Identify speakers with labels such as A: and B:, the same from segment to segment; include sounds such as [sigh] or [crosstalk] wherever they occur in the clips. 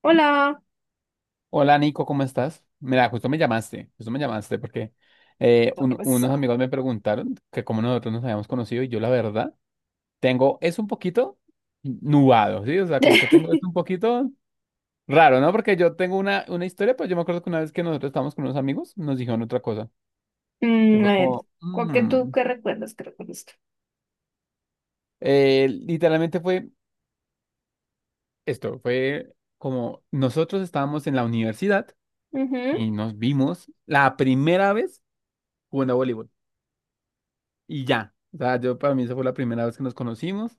A: Hola,
B: Hola Nico, ¿cómo estás? Mira, justo me llamaste porque
A: ¿qué
B: un-
A: pasó?
B: unos amigos me preguntaron que cómo nosotros nos habíamos conocido y yo la verdad tengo, es un poquito nubado, ¿sí? O sea, como que tengo es un
A: [laughs]
B: poquito raro, ¿no? Porque yo tengo una historia, pues yo me acuerdo que una vez que nosotros estábamos con unos amigos nos dijeron otra cosa y
A: Mm, a
B: fue
A: ver,
B: como,
A: ¿cuál que tú qué recuerdas que recuerdas?
B: literalmente fue esto, fue como nosotros estábamos en la universidad
A: Ujú.
B: y nos vimos la primera vez jugando a voleibol. Y ya. O sea, yo para mí esa fue la primera vez que nos conocimos.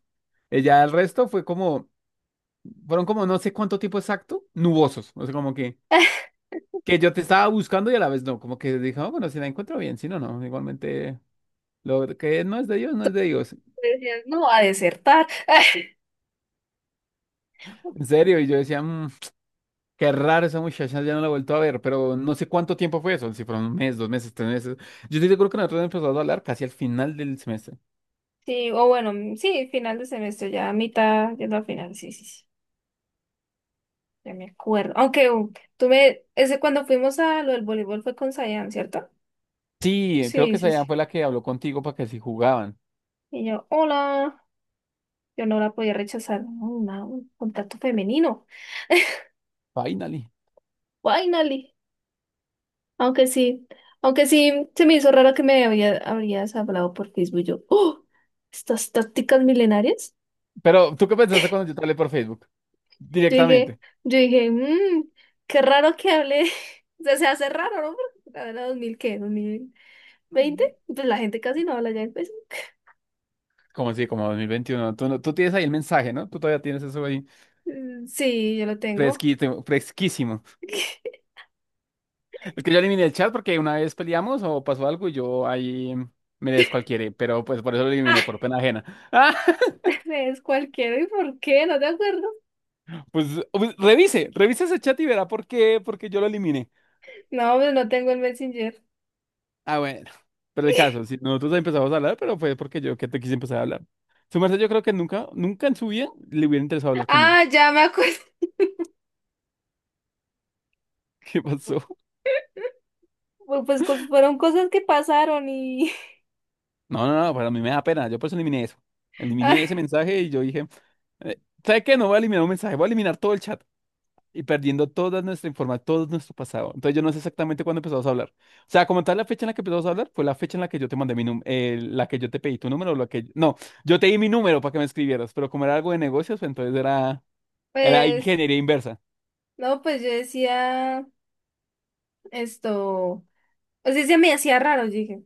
B: Ella, el resto fue como, fueron como no sé cuánto tiempo exacto, nubosos. O sea, como que yo te estaba buscando y a la vez no, como que dije, "Ah, bueno, si la encuentro bien, si no, no, igualmente lo que no es de Dios, no es de Dios".
A: [laughs] Decías, no, a desertar.
B: En serio, y yo decía, qué raro esa muchacha, ya no la he vuelto a ver", pero no sé cuánto tiempo fue eso, si fueron un mes, 2 meses, 3 meses. Yo estoy seguro que nosotros empezamos a hablar casi al final del semestre.
A: Sí, o bueno, mm, sí, final de semestre, ya a mitad, yendo a final, sí, sí, sí, ya me acuerdo. Aunque tú me, ese cuando fuimos a lo del voleibol fue con Sayan, ¿cierto?
B: Sí, creo
A: Sí,
B: que esa
A: sí, sí.
B: ya fue la que habló contigo para que si jugaban.
A: Y yo, hola, yo no la podía rechazar. No, una- un contacto femenino. [laughs]
B: Finally.
A: Finally. Aunque sí, aunque sí, se me hizo raro que me había, habrías hablado por Facebook. Yo, ¡oh! Estas tácticas milenarias.
B: Pero, ¿tú qué pensaste cuando yo te hablé por Facebook?
A: Yo dije,
B: Directamente.
A: yo dije, qué raro que hable. [laughs] O sea, se hace raro, ¿no? Porque la verdad, ¿2000 qué? Dos mil veinte. Pues la gente casi no habla ya en Facebook.
B: Como así, como 2021. Tú, no- tú tienes ahí el mensaje, ¿no? Tú todavía tienes eso ahí
A: Mm, sí, yo lo tengo.
B: fresquito, fresquísimo.
A: [laughs]
B: Es que yo eliminé el chat porque una vez peleamos o pasó algo y yo ahí me descualquiera, pero pues por eso lo
A: Ah,
B: eliminé, por pena ajena. [laughs]
A: es cualquiera. ¿Y por qué? ¿No te acuerdo?
B: Ah, pues, revise ese chat y verá por qué yo lo eliminé.
A: No, pues no tengo el Messenger.
B: Ah, bueno. Pero el caso,
A: [laughs]
B: si nosotros empezamos a hablar, pero fue porque yo que te quise empezar a hablar. Su merced, yo creo que nunca, nunca en su vida le hubiera interesado hablar conmigo.
A: Ah, ya me acuerdo.
B: [laughs] ¿Qué pasó?
A: [laughs] Pues, cos- fueron cosas que pasaron y...
B: No, no, no, pero a mí me da pena. Yo por eso.
A: [laughs] ah,
B: Eliminé ese mensaje y yo dije, eh, ¿sabe qué? No voy a eliminar un mensaje, voy a eliminar todo el chat y perdiendo toda nuestra información, todo nuestro pasado. Entonces yo no sé exactamente cuándo empezamos a hablar. O sea, como tal, la fecha en la que empezamos a hablar fue la fecha en la que yo te mandé mi número, la que yo te pedí tu número, la que... No, yo te di mi número para que me escribieras, pero como era algo de negocios, pues, entonces era
A: pues
B: ingeniería inversa.
A: no, pues yo decía esto, o sea, se me hacía raro, yo dije,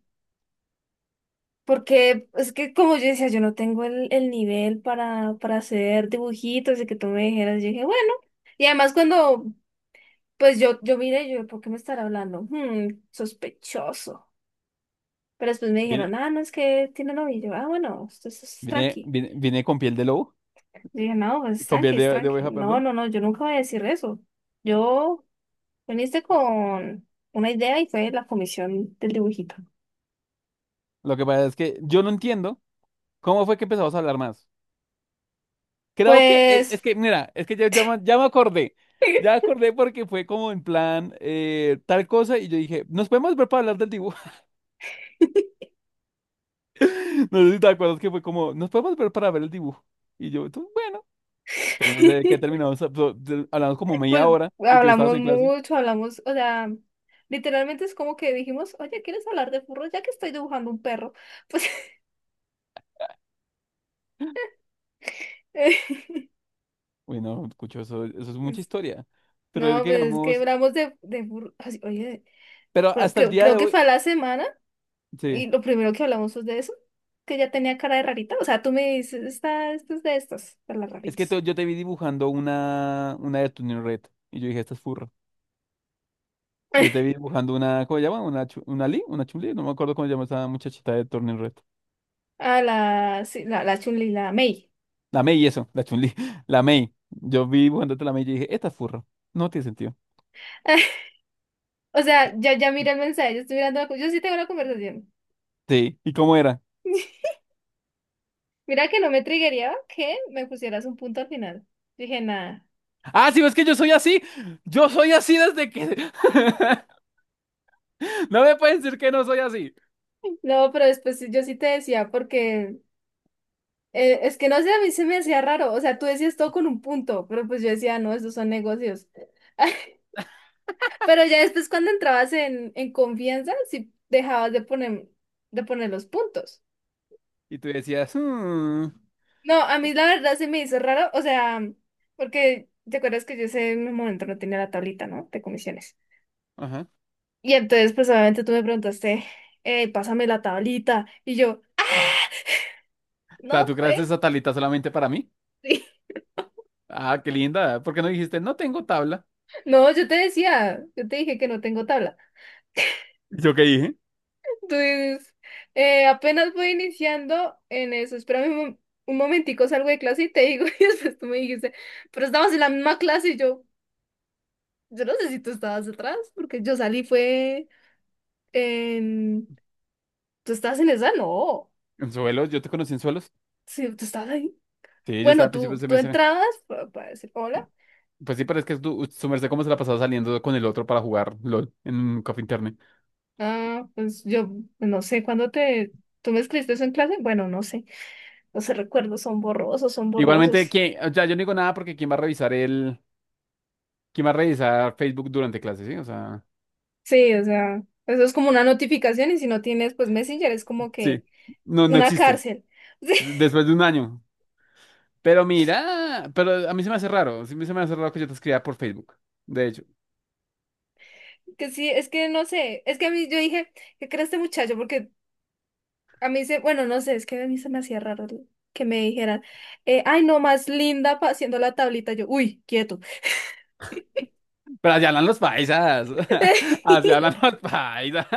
A: porque es que como yo decía, yo no tengo el nivel para hacer dibujitos y que tú me dijeras, yo dije, bueno, y además cuando, pues yo miré, yo, ¿por qué me estará hablando? Hmm, sospechoso. Pero después me dijeron,
B: Viene,
A: ah, no, es que tiene novio, y yo, ah, bueno, esto es
B: viene,
A: tranqui.
B: viene, viene con piel de lobo,
A: Yo dije, no, pues es
B: con
A: tranqui,
B: piel
A: es
B: de
A: tranqui.
B: oveja,
A: No,
B: perdón.
A: no, no, yo nunca voy a decir eso. Yo viniste con una idea y fue la comisión del dibujito.
B: Lo que pasa es que yo no entiendo cómo fue que empezamos a hablar más. Creo que es, es
A: Pues,
B: que, mira, es que ya me acordé. Ya me acordé porque fue como en plan tal cosa y yo dije, nos podemos ver para hablar del dibujo. [laughs] No sé si te acuerdas que fue como, nos podemos ver para ver el dibujo. Y yo, tú, bueno, pero no sé de qué terminamos. Hablamos como media
A: pues
B: hora y tú estabas
A: hablamos
B: en clase.
A: mucho, hablamos, o sea, literalmente es como que dijimos, oye, ¿quieres hablar de furros? Ya que estoy dibujando un perro. Pues, [laughs]
B: Uy, no, escucho, eso es mucha
A: es-
B: historia. Pero es
A: no,
B: que
A: pues es que
B: digamos,
A: hablamos de furros. Así, oye,
B: pero
A: creo
B: hasta el
A: que,
B: día
A: creo
B: de
A: que
B: hoy,
A: fue a la semana
B: sí,
A: y lo primero que hablamos fue de eso, que ya tenía cara de rarita. O sea, tú me dices, está, esto es de estas, de las
B: es que
A: raritas.
B: yo te vi dibujando una de tu Red y yo dije, esta es furra. Yo te
A: [laughs]
B: vi dibujando una, ¿cómo se llama? Una Chun-Li, no me acuerdo cómo se llama esa muchachita de Turning Red.
A: A la, sí, la Chun-Li, la Mei.
B: La Mei, eso, la Chun-Li, [laughs] la Mei. Yo vi dibujándote la Mei y dije, esta es furro, no tiene sentido.
A: [laughs] O sea, ya, ya mira el mensaje, yo estoy mirando la, co- yo sí tengo la conversación.
B: Sí, ¿y cómo era?
A: Mira que no me triggería que me pusieras un punto al final. Dije, nada.
B: Ah, sí, es que yo soy así desde que... [laughs] No me pueden decir que no soy así.
A: No, pero después sí- yo sí te decía, porque es que no sé, a mí se me hacía raro. O sea, tú decías todo con un punto, pero pues yo decía, no, estos son negocios. [laughs] Pero ya después cuando entrabas en confianza, sí dejabas de poner los puntos.
B: Y tú decías, "Mm,
A: No, a mí la verdad se me hizo raro, o sea, porque te acuerdas que yo ese momento no tenía la tablita, ¿no? De comisiones.
B: ajá". O
A: Y entonces, pues obviamente tú me preguntaste, pásame la tablita. Y yo, no
B: sea, ¿tú
A: te.
B: creaste esa tablita solamente para mí?
A: [laughs]
B: Ah, qué linda, ¿por qué no dijiste, no tengo tabla?
A: No, yo te decía, yo te dije que no tengo tabla.
B: ¿Yo qué dije?
A: Entonces, apenas voy iniciando en eso. Espérame un, mom- un momentico, salgo de clase y te digo, [laughs] y después tú me dijiste, pero estabas en la misma clase y yo no sé si tú estabas atrás, porque yo salí fue en... ¿Tú estabas en esa? No.
B: ¿En suelos? ¿Yo te conocí en suelos?
A: Sí, tú estabas ahí.
B: Sí, yo estaba
A: Bueno,
B: al principio
A: tú,
B: de
A: tú
B: semestre.
A: entrabas pa- para, decir hola.
B: Pues sí, pero es que su merced cómo se la ha pasado saliendo con el otro para jugar LOL en Coffee Internet.
A: Ah, pues yo no sé, ¿cuándo te... ¿Tú me escribiste eso en clase? Bueno, no sé. Los recuerdos son borrosos, son borrosos.
B: Igualmente, ¿quién? O sea, yo no digo nada porque ¿quién va a revisar? ¿Quién va a revisar Facebook durante clase, sí? O sea,
A: Sí, o sea, eso es como una notificación y si no tienes, pues Messenger es como que
B: sí. No, no
A: una
B: existe.
A: cárcel. [laughs]
B: Después de un año. Pero mira, pero a mí se me hace raro. Sí, se me hace raro que yo te escriba por Facebook. De hecho.
A: Sí, que sí, es que no sé, es que a mí yo dije, ¿qué crees este muchacho? Porque a mí se, bueno, no sé, es que a mí se me hacía raro el- que me dijeran, ay, no, más linda pa- haciendo la tablita. Yo, uy, quieto.
B: Pero así hablan los paisas. [laughs] Así hablan
A: [laughs]
B: los paisas.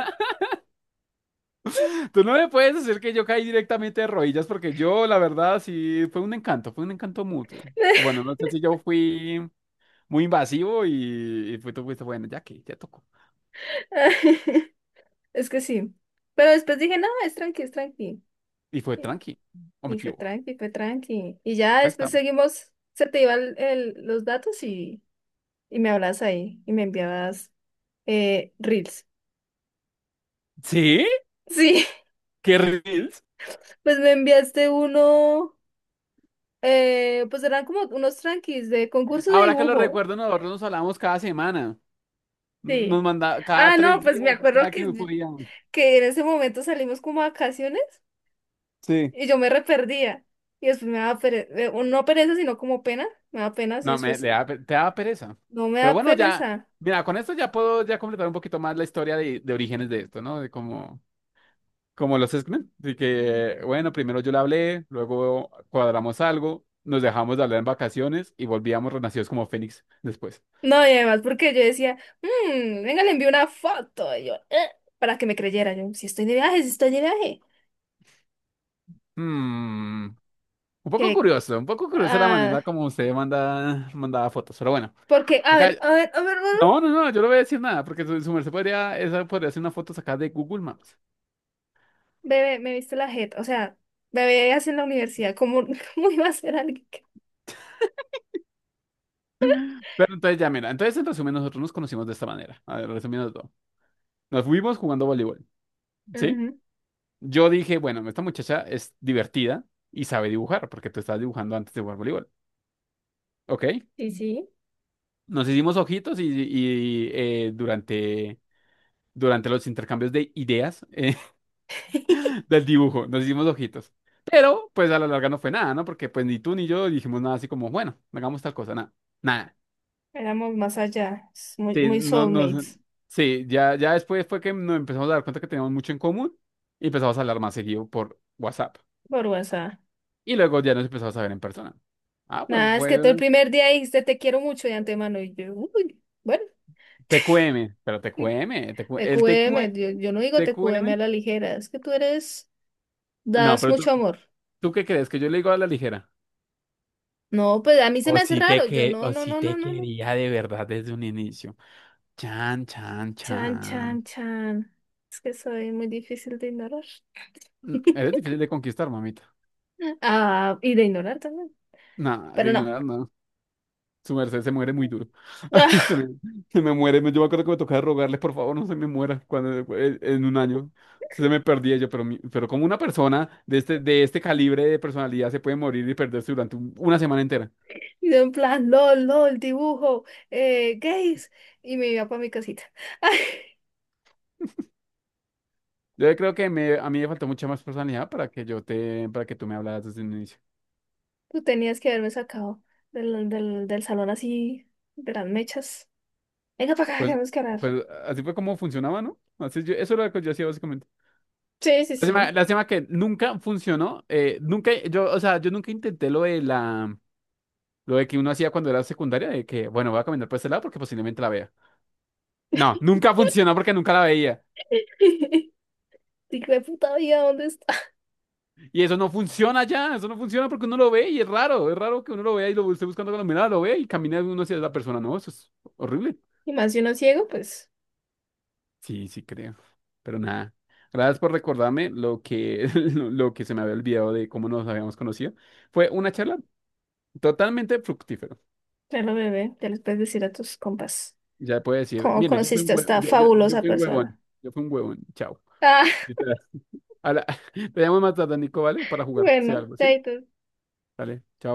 B: Tú no me puedes decir que yo caí directamente de rodillas porque yo, la verdad, sí, fue un encanto mutuo. O bueno, no sé si yo fui muy invasivo y fue, tú fuiste, bueno, ya que, ya tocó.
A: Es que sí. Pero después dije, no, es tranqui, es tranqui.
B: Y fue tranqui, o me
A: Y fue
B: equivoco.
A: tranqui, fue tranqui. Y ya
B: Acá
A: después
B: estamos.
A: seguimos, se te iban el- los datos y me hablabas ahí y me enviabas reels.
B: ¿Sí?
A: Sí,
B: ¿Qué reels?
A: [laughs] pues me enviaste uno, pues eran como unos tranquis de concurso de
B: Ahora que lo
A: dibujo.
B: recuerdo, nosotros nos hablábamos cada semana. Nos
A: Sí.
B: mandaba cada
A: Ah,
B: tres
A: no, pues me
B: días,
A: acuerdo
B: cada que podíamos.
A: que en ese momento salimos como a vacaciones
B: Sí.
A: y yo me re perdía. Y después me daba pereza, no pereza, sino como pena, me daba pena y
B: No, me,
A: después
B: le da pe- te daba pereza.
A: no me
B: Pero
A: da
B: bueno, ya,
A: pereza.
B: mira, con esto ya puedo ya completar un poquito más la historia de orígenes de esto, ¿no? De cómo... Como los X-Men, así que, bueno, primero yo le hablé, luego cuadramos algo, nos dejamos de hablar en vacaciones y volvíamos renacidos como Fénix después.
A: No, y además, porque yo decía, "Mm, venga, le envío una foto". Y yo, para que me creyera. Yo, si estoy de viaje, si estoy de viaje.
B: Hmm, un poco
A: Que,
B: curioso, un poco curiosa la
A: ah,
B: manera como usted mandaba fotos, pero bueno,
A: porque, a
B: acá,
A: ver, a ver, a ver, a ver,
B: no, no, no, yo no voy a decir nada, porque su merced esa podría ser una foto sacada de Google Maps.
A: bebé, me viste la jeta. O sea, bebé, hace en la universidad, ¿cómo, [laughs] cómo iba a ser alguien que
B: Pero entonces ya, mira, entonces en resumen nosotros nos conocimos de esta manera, a ver, resumiendo todo. Nos fuimos jugando voleibol, ¿sí?
A: Ujú,
B: Yo dije, bueno, esta muchacha es divertida y sabe dibujar, porque tú estabas dibujando antes de jugar voleibol. Ok.
A: sí, sí.
B: Nos hicimos ojitos durante los intercambios de ideas
A: [laughs]
B: [laughs] del dibujo, nos hicimos ojitos. Pero, pues a la larga no fue nada, ¿no? Porque pues ni tú ni yo dijimos nada así como, bueno, hagamos tal cosa, nada. Nada.
A: ¿éramos más allá? Es muy,
B: Sí,
A: muy
B: no,
A: soulmates,
B: sí, ya después fue que nos empezamos a dar cuenta que teníamos mucho en común y empezamos a hablar más seguido por WhatsApp.
A: por WhatsApp.
B: Y luego ya nos empezamos a ver en persona. Ah, pues
A: Nada, es que
B: fue
A: tú el primer día dijiste, te quiero mucho de antemano. Y yo, uy, bueno, [laughs]
B: TQM, pero TQM, TQ el
A: TQM,
B: TQM,
A: yo, yo no digo TQM a
B: TQM.
A: la ligera, es que tú eres.
B: No,
A: Das
B: pero tú,
A: mucho amor.
B: ¿tú qué crees? ¿Que yo le digo a la ligera?
A: No, pues a mí se
B: O
A: me hace
B: si te
A: raro. Yo
B: que,
A: no,
B: o
A: no,
B: si
A: no, no,
B: te
A: no, no.
B: quería de verdad desde un inicio. Chan, chan,
A: Chan,
B: chan.
A: chan, chan. Es que soy muy difícil de ignorar.
B: Eres
A: [laughs]
B: difícil de conquistar, mamita.
A: Ah, y de ignorar también.
B: No, de
A: Pero no.
B: ignorar, no. Su merced se muere muy duro. [laughs] Se me,
A: [laughs]
B: se me muere. Yo me acuerdo que me tocaba rogarle, por favor, no se me muera cuando, en un año. Se me perdía yo, pero, pero como una persona de este, calibre de personalidad se puede morir y perderse durante una semana entera.
A: Y de un plan, lol, lol, dibujo, gays. Y me iba para mi casita. [laughs] Ay,
B: Yo creo que a mí me faltó mucha más personalidad para que para que tú me hablaras desde el inicio.
A: tú tenías que haberme sacado del salón así, de las mechas. Venga para acá, que
B: Pues,
A: tenemos que hablar.
B: pues, así fue como funcionaba, ¿no? Así yo, eso era lo que yo hacía básicamente.
A: Sí, sí,
B: Lástima,
A: sí.
B: lástima que nunca funcionó. Nunca, yo, o sea, yo nunca intenté lo de lo de que uno hacía cuando era secundaria, de que, bueno, voy a caminar por este lado porque posiblemente la vea. No, nunca funcionó porque nunca la veía.
A: [laughs] Digo, puta vida, ¿dónde está? [laughs]
B: Y eso no funciona ya, eso no funciona porque uno lo ve y es raro que uno lo vea y lo esté buscando con la mirada, lo ve y camina uno hacia la persona. No, eso es horrible.
A: Y más si uno es ciego, pues.
B: Sí, sí creo. Pero nada. Gracias por recordarme lo que, [laughs] lo que se me había olvidado de cómo nos habíamos conocido. Fue una charla totalmente fructífera.
A: Claro, bebé, ya les puedes decir a tus compas
B: Ya puedo decir,
A: cómo
B: mire, yo fui un
A: conociste a
B: hue-
A: esta
B: yo, yo, yo
A: fabulosa
B: fui un huevón.
A: persona.
B: Yo fui un huevón. Chao.
A: Ah,
B: Literal. A [laughs] Te llamo más tarde, Nico, ¿vale? Para
A: [laughs]
B: jugar, si
A: bueno,
B: algo, ¿sí?
A: chaito.
B: Dale, chao.